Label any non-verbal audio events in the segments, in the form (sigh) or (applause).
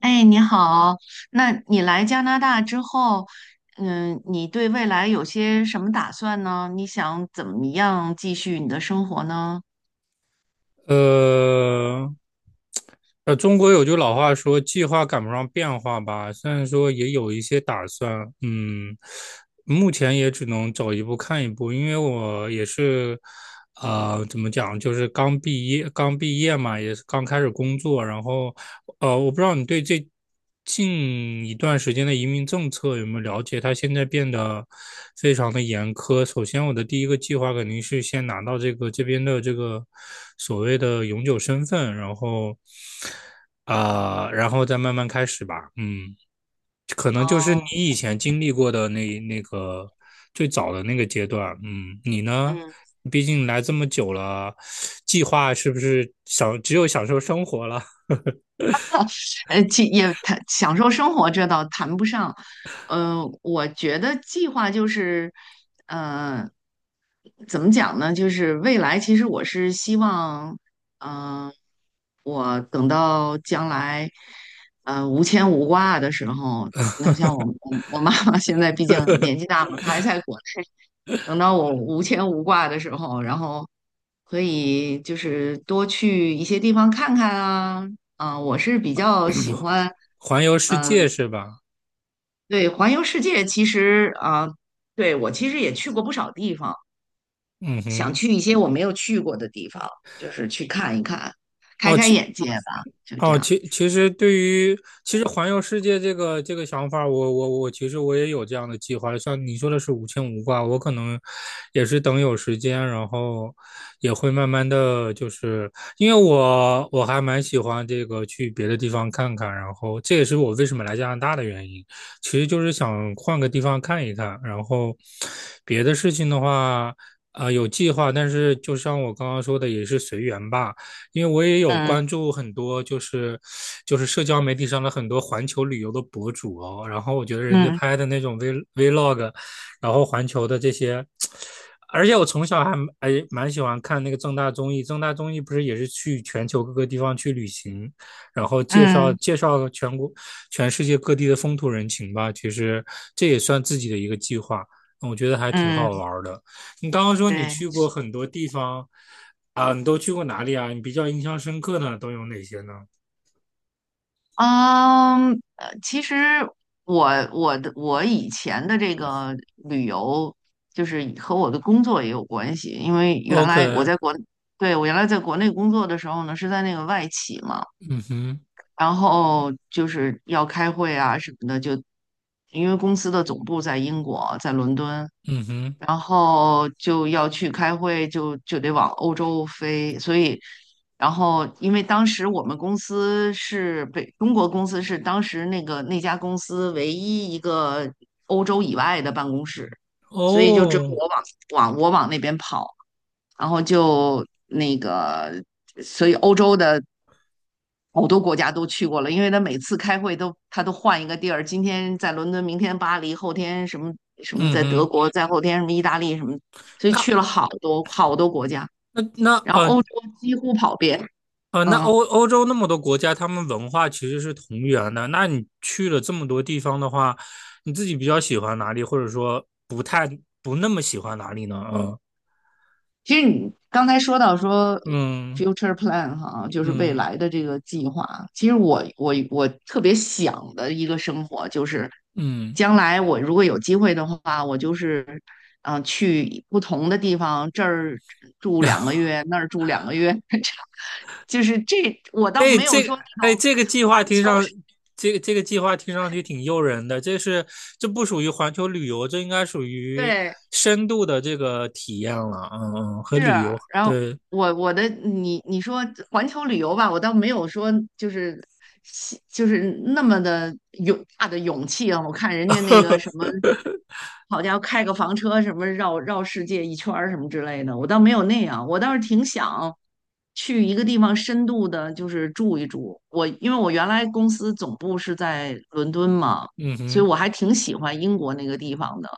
哎，你好。那你来加拿大之后，你对未来有些什么打算呢？你想怎么样继续你的生活呢？呃，中国有句老话说"计划赶不上变化"吧，虽然说也有一些打算，目前也只能走一步看一步，因为我也是，怎么讲，就是刚毕业，刚毕业嘛，也是刚开始工作，然后我不知道你对这近一段时间的移民政策有没有了解？它现在变得非常的严苛。首先，我的第一个计划肯定是先拿到这个这边的这个所谓的永久身份，然后，再慢慢开始吧。嗯，可能就是你哦。以前经历过的那个最早的那个阶段。嗯，你呢？嗯。毕竟来这么久了，计划是不是只有享受生活了？其也谈享受生活，这倒谈不上。我觉得计划就是，呃，怎么讲呢？就是未来，其实我是希望，嗯、我等到将来，无牵无挂的时候，那像我妈妈现在毕竟年纪大嘛，她还在国内。等到我无牵无挂的时候，然后可以就是多去一些地方看看啊。啊，我是比较喜欢，(clears throat) 环游世界嗯、是吧？对，环游世界其实啊、对，我其实也去过不少地方，嗯想哼。去一些我没有去过的地方，就是去看一看，开哦，开其眼界吧，就这哦，样。其其实对于其实环游世界这个想法儿我我我其实我也有这样的计划。像你说的是无牵无挂，我可能也是等有时间，然后也会慢慢的就是，因为我还蛮喜欢这个去别的地方看看，然后这也是我为什么来加拿大的原因，其实就是想换个地方看一看，然后别的事情的话，有计划，但是就像我刚刚说的，也是随缘吧。因为我也有嗯关注很多，就是社交媒体上的很多环球旅游的博主哦，然后我觉得人家嗯拍的那种 vlog,然后环球的这些，而且我从小还蛮喜欢看那个正大综艺，正大综艺不是也是去全球各个地方去旅行，然后介绍嗯介绍全世界各地的风土人情吧，其实这也算自己的一个计划。我觉得还挺嗯，好玩的。你刚刚说你对。去过很多地方，啊，你都去过哪里啊？你比较印象深刻的都有哪些呢嗯，其实我我以前的这个旅游，就是和我的工作也有关系，因为原来我？OK。在国，对，我原来在国内工作的时候呢，是在那个外企嘛，嗯哼。然后就是要开会啊什么的，就因为公司的总部在英国，在伦敦，嗯哼。然后就要去开会，就得往欧洲飞。所以，然后因为当时我们公司是北中国公司是当时那个那家公司唯一一个欧洲以外的办公室，所以就只有哦。我我往那边跑，然后就那个，所以欧洲的好多国家都去过了，因为他每次开会他都换一个地儿，今天在伦敦，明天巴黎，后天什么什么嗯在德哼。国，再后天什么意大利什么，所以那去了好多好多国家，那那然后呃欧洲几乎跑遍。呃，那嗯，欧欧洲那么多国家，他们文化其实是同源的。那你去了这么多地方的话，你自己比较喜欢哪里，或者说不那么喜欢哪里呢？嗯其实你刚才说到 嗯 future plan 哈，就是未嗯来的这个计划。其实我特别想的一个生活就是，嗯。将来我如果有机会的话，我就是去不同的地方，这儿住嗯 (laughs) 两个月，那儿住两个月，(laughs) 这样就是我倒哎，没有这个说那哎，种这个计划环听球上，式。这个计划听上去挺诱人的。这不属于环球旅游，这应该属于对，深度的这个体验了。嗯嗯，和是。旅游然后对。我我的你说环球旅游吧，我倒没有说就是那么的勇大的勇气啊。我看人家那个什么，好家伙，开个房车什么绕绕世界一圈儿什么之类的，我倒没有那样。我倒是挺想去一个地方深度的，就是住一住。因为我原来公司总部是在伦敦嘛，嗯所以哼。我还挺喜欢英国那个地方的。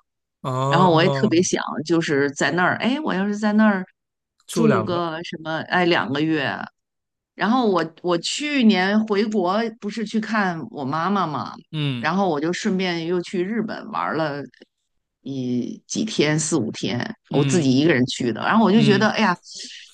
然后我也特哦，别想，就是在那儿，哎，我要是在那儿住住两个，个什么，哎，两个月，然后我去年回国不是去看我妈妈嘛，嗯然后我就顺便又去日本玩了一几天四五天，我自己嗯一个人去的。然后我就觉得，嗯哎呀，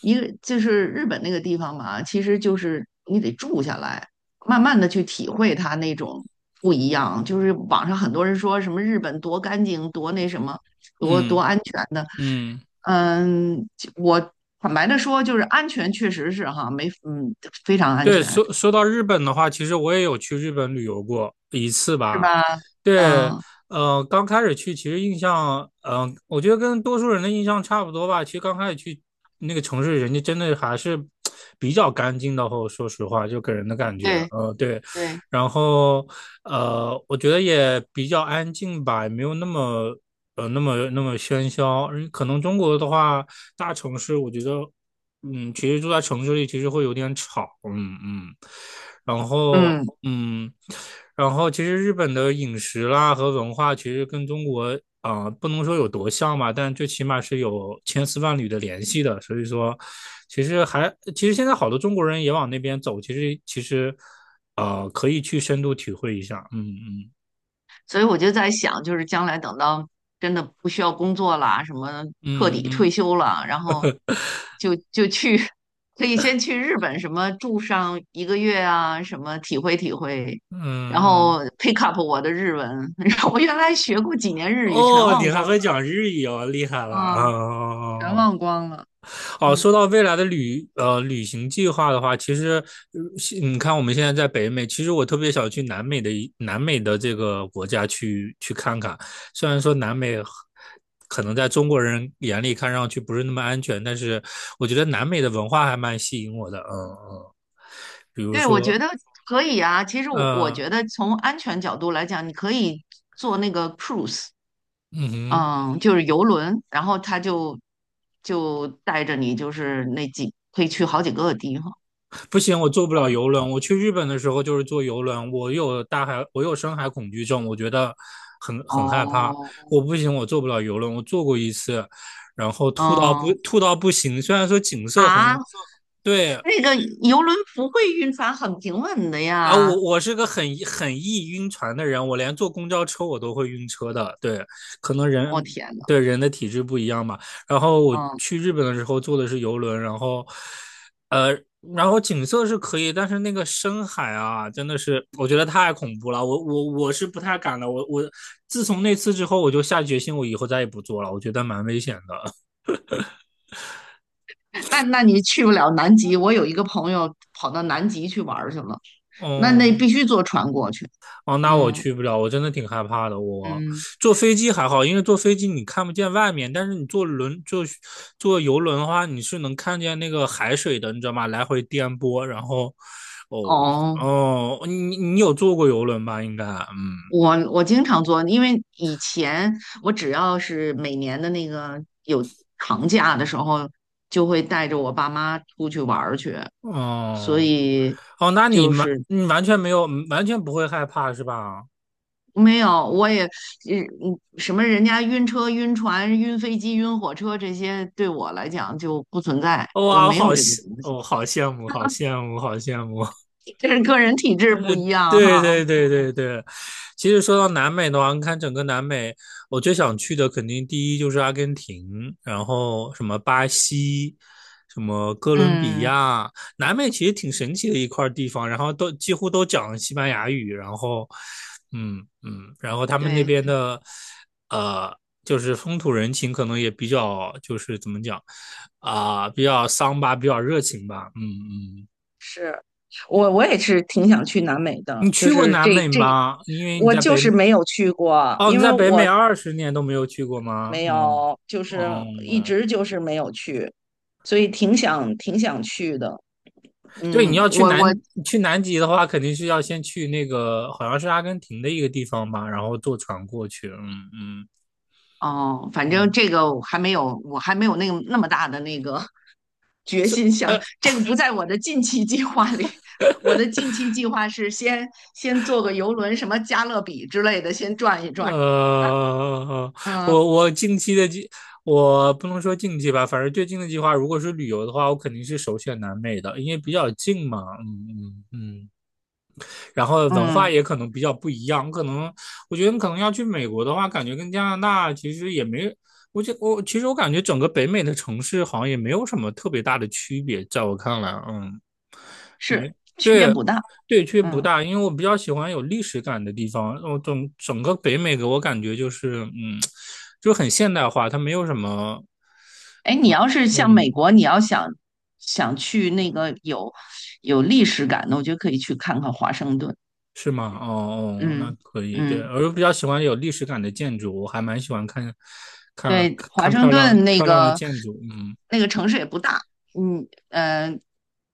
一个就是日本那个地方嘛，其实就是你得住下来，慢慢的去体会它那种不一样。就是网上很多人说什么日本多干净，多那什么，多嗯安全的。嗯，嗯，我坦白的说，就是安全确实是哈，没嗯非常安对，全。说到日本的话，其实我也有去日本旅游过一次是吧。吧？对，嗯，刚开始去，其实印象，我觉得跟多数人的印象差不多吧。其实刚开始去那个城市，人家真的还是比较干净的。后说实话，就给人的感觉，对对。对，然后，我觉得也比较安静吧，也没有那么，那么喧嚣。嗯可能中国的话，大城市，我觉得其实住在城市里其实会有点吵。嗯嗯，然后嗯，嗯，然后其实日本的饮食啦和文化其实跟中国不能说有多像吧，但最起码是有千丝万缕的联系的，所以说其实还其实现在好多中国人也往那边走，其实可以去深度体会一下。嗯嗯所以我就在想，就是将来等到真的不需要工作啦，什么彻嗯底嗯退休了，然后就去，(laughs) 可以先去日本什么住上1个月啊，什么体会体会，然嗯嗯，后 pick up 我的日文，(laughs) 然后我原来学过几年日语全哦，忘你还光会了讲日语哦，厉害了啊！哦啊，全哦哦。忘光了。哦，嗯。说到未来的旅行计划的话，其实呃是你看我们现在在北美，其实我特别想去南美的这个国家去看看。虽然说南美可能在中国人眼里看上去不是那么安全，但是我觉得南美的文化还蛮吸引我的。嗯嗯，比如对，我说，觉得可以啊。其实我嗯。觉得从安全角度来讲，你可以坐那个 cruise，嗯哼。嗯，就是游轮，然后他就带着你，就是那可以去好几个地方。不行，我坐不我了游轮。我去日本的时候就是坐游轮，我有大海，我有深海恐惧症，我觉得很害怕。哦，我不行，我坐不了游轮。我坐过一次，然后嗯吐到不行。虽然说景色很啊，对。那个游轮不会晕船，很平稳的啊，呀。我是个很易晕船的人，我连坐公交车我都会晕车的。对，可能人天呐，对人的体质不一样嘛。然后我嗯，去日本的时候坐的是游轮，然后呃，然后景色是可以，但是那个深海啊，真的是我觉得太恐怖了。我是不太敢的。我自从那次之后，我就下决心，我以后再也不坐了。我觉得蛮危险的。那你去不了南极。我有一个朋友跑到南极去玩儿去了，那嗯。必须坐船过去。哦，那我嗯去不了，我真的挺害怕的。我嗯，坐飞机还好，因为坐飞机你看不见外面，但是你坐游轮的话，你是能看见那个海水的，你知道吗？来回颠簸，然后，哦。哦。哦，你有坐过游轮吧？应该。嗯。我经常做，因为以前我只要是每年的那个有长假的时候，就会带着我爸妈出去玩儿去，所哦以哦，那你就完是你完全没有，完全不会害怕是吧？没有，我也什么人家晕车、晕船、晕飞机、晕火车这些，对我来讲就不存在，哦我哇，我没好有这个羡，东西。我、好羡慕，好羡慕，好羡慕。(laughs) 这是个人体质不一样对哈。对对对对，其实说到南美的话，你看整个南美，我最想去的肯定第一就是阿根廷，然后什么巴西，什么哥伦比嗯，嗯亚，南美其实挺神奇的一块地方，然后几乎都讲西班牙语，然后，嗯嗯，然后他们那对，边的，呃，就是风土人情可能也比较，就是怎么讲，比较桑巴，比较热情吧。嗯嗯。是，我也是挺想去南美的，你就去过是南这美这，吗？因为你我在就北是美。没有去过，哦，你因为在北美我20年都没有去过吗？没嗯。有，就哦。是一嗯，直就是没有去，所以挺想挺想去的。对，你嗯，要去南南极的话，肯定是要先去那个好像是阿根廷的一个地方吧，然后坐船过去。嗯嗯哦，反正嗯，这个我还没有，我还没有那个那么大的那个 (laughs) 决是心想，呃这个不在我的近期计划里。我的近期计划是先坐个游轮，什么加勒比之类的，先转一转。(laughs) 呃，嗯我我近期的计，我不能说近期吧，反正最近的计划，如果是旅游的话，我肯定是首选南美的，因为比较近嘛。嗯嗯嗯，然后文化嗯。也可能比较不一样。我觉得可能要去美国的话，感觉跟加拿大其实也没，我觉我其实我感觉整个北美的城市好像也没有什么特别大的区别，在我看来，嗯，没是区别对。不大。对，区别不嗯，大，因为我比较喜欢有历史感的地方。我整个北美给我感觉就是，嗯，就很现代化，它没有什么。哎，你要是像美嗯，国，你要想去那个有历史感的，我觉得可以去看看华盛顿。是吗？哦。哦，那嗯可以。对，嗯，我比较喜欢有历史感的建筑，我还蛮喜欢看对，华看盛漂亮顿那的个建筑。嗯。那个城市也不大。嗯呃，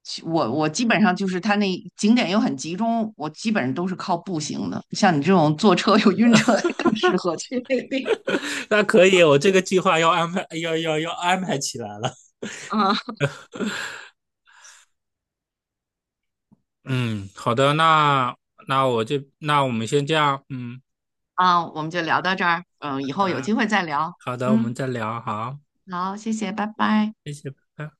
我基本上就是它那景点又很集中，我基本上都是靠步行的。像你这种坐车又晕车，更适合去那个地 (laughs) 那可以，我这个计划要安排，要要要安排起来了。方啊。嗯，好的，那那我就那我们先这样。嗯，啊，我们就聊到这儿。嗯，以后有机会再聊。好的，我们嗯，再聊。好，好，谢谢，拜拜。谢谢，拜拜。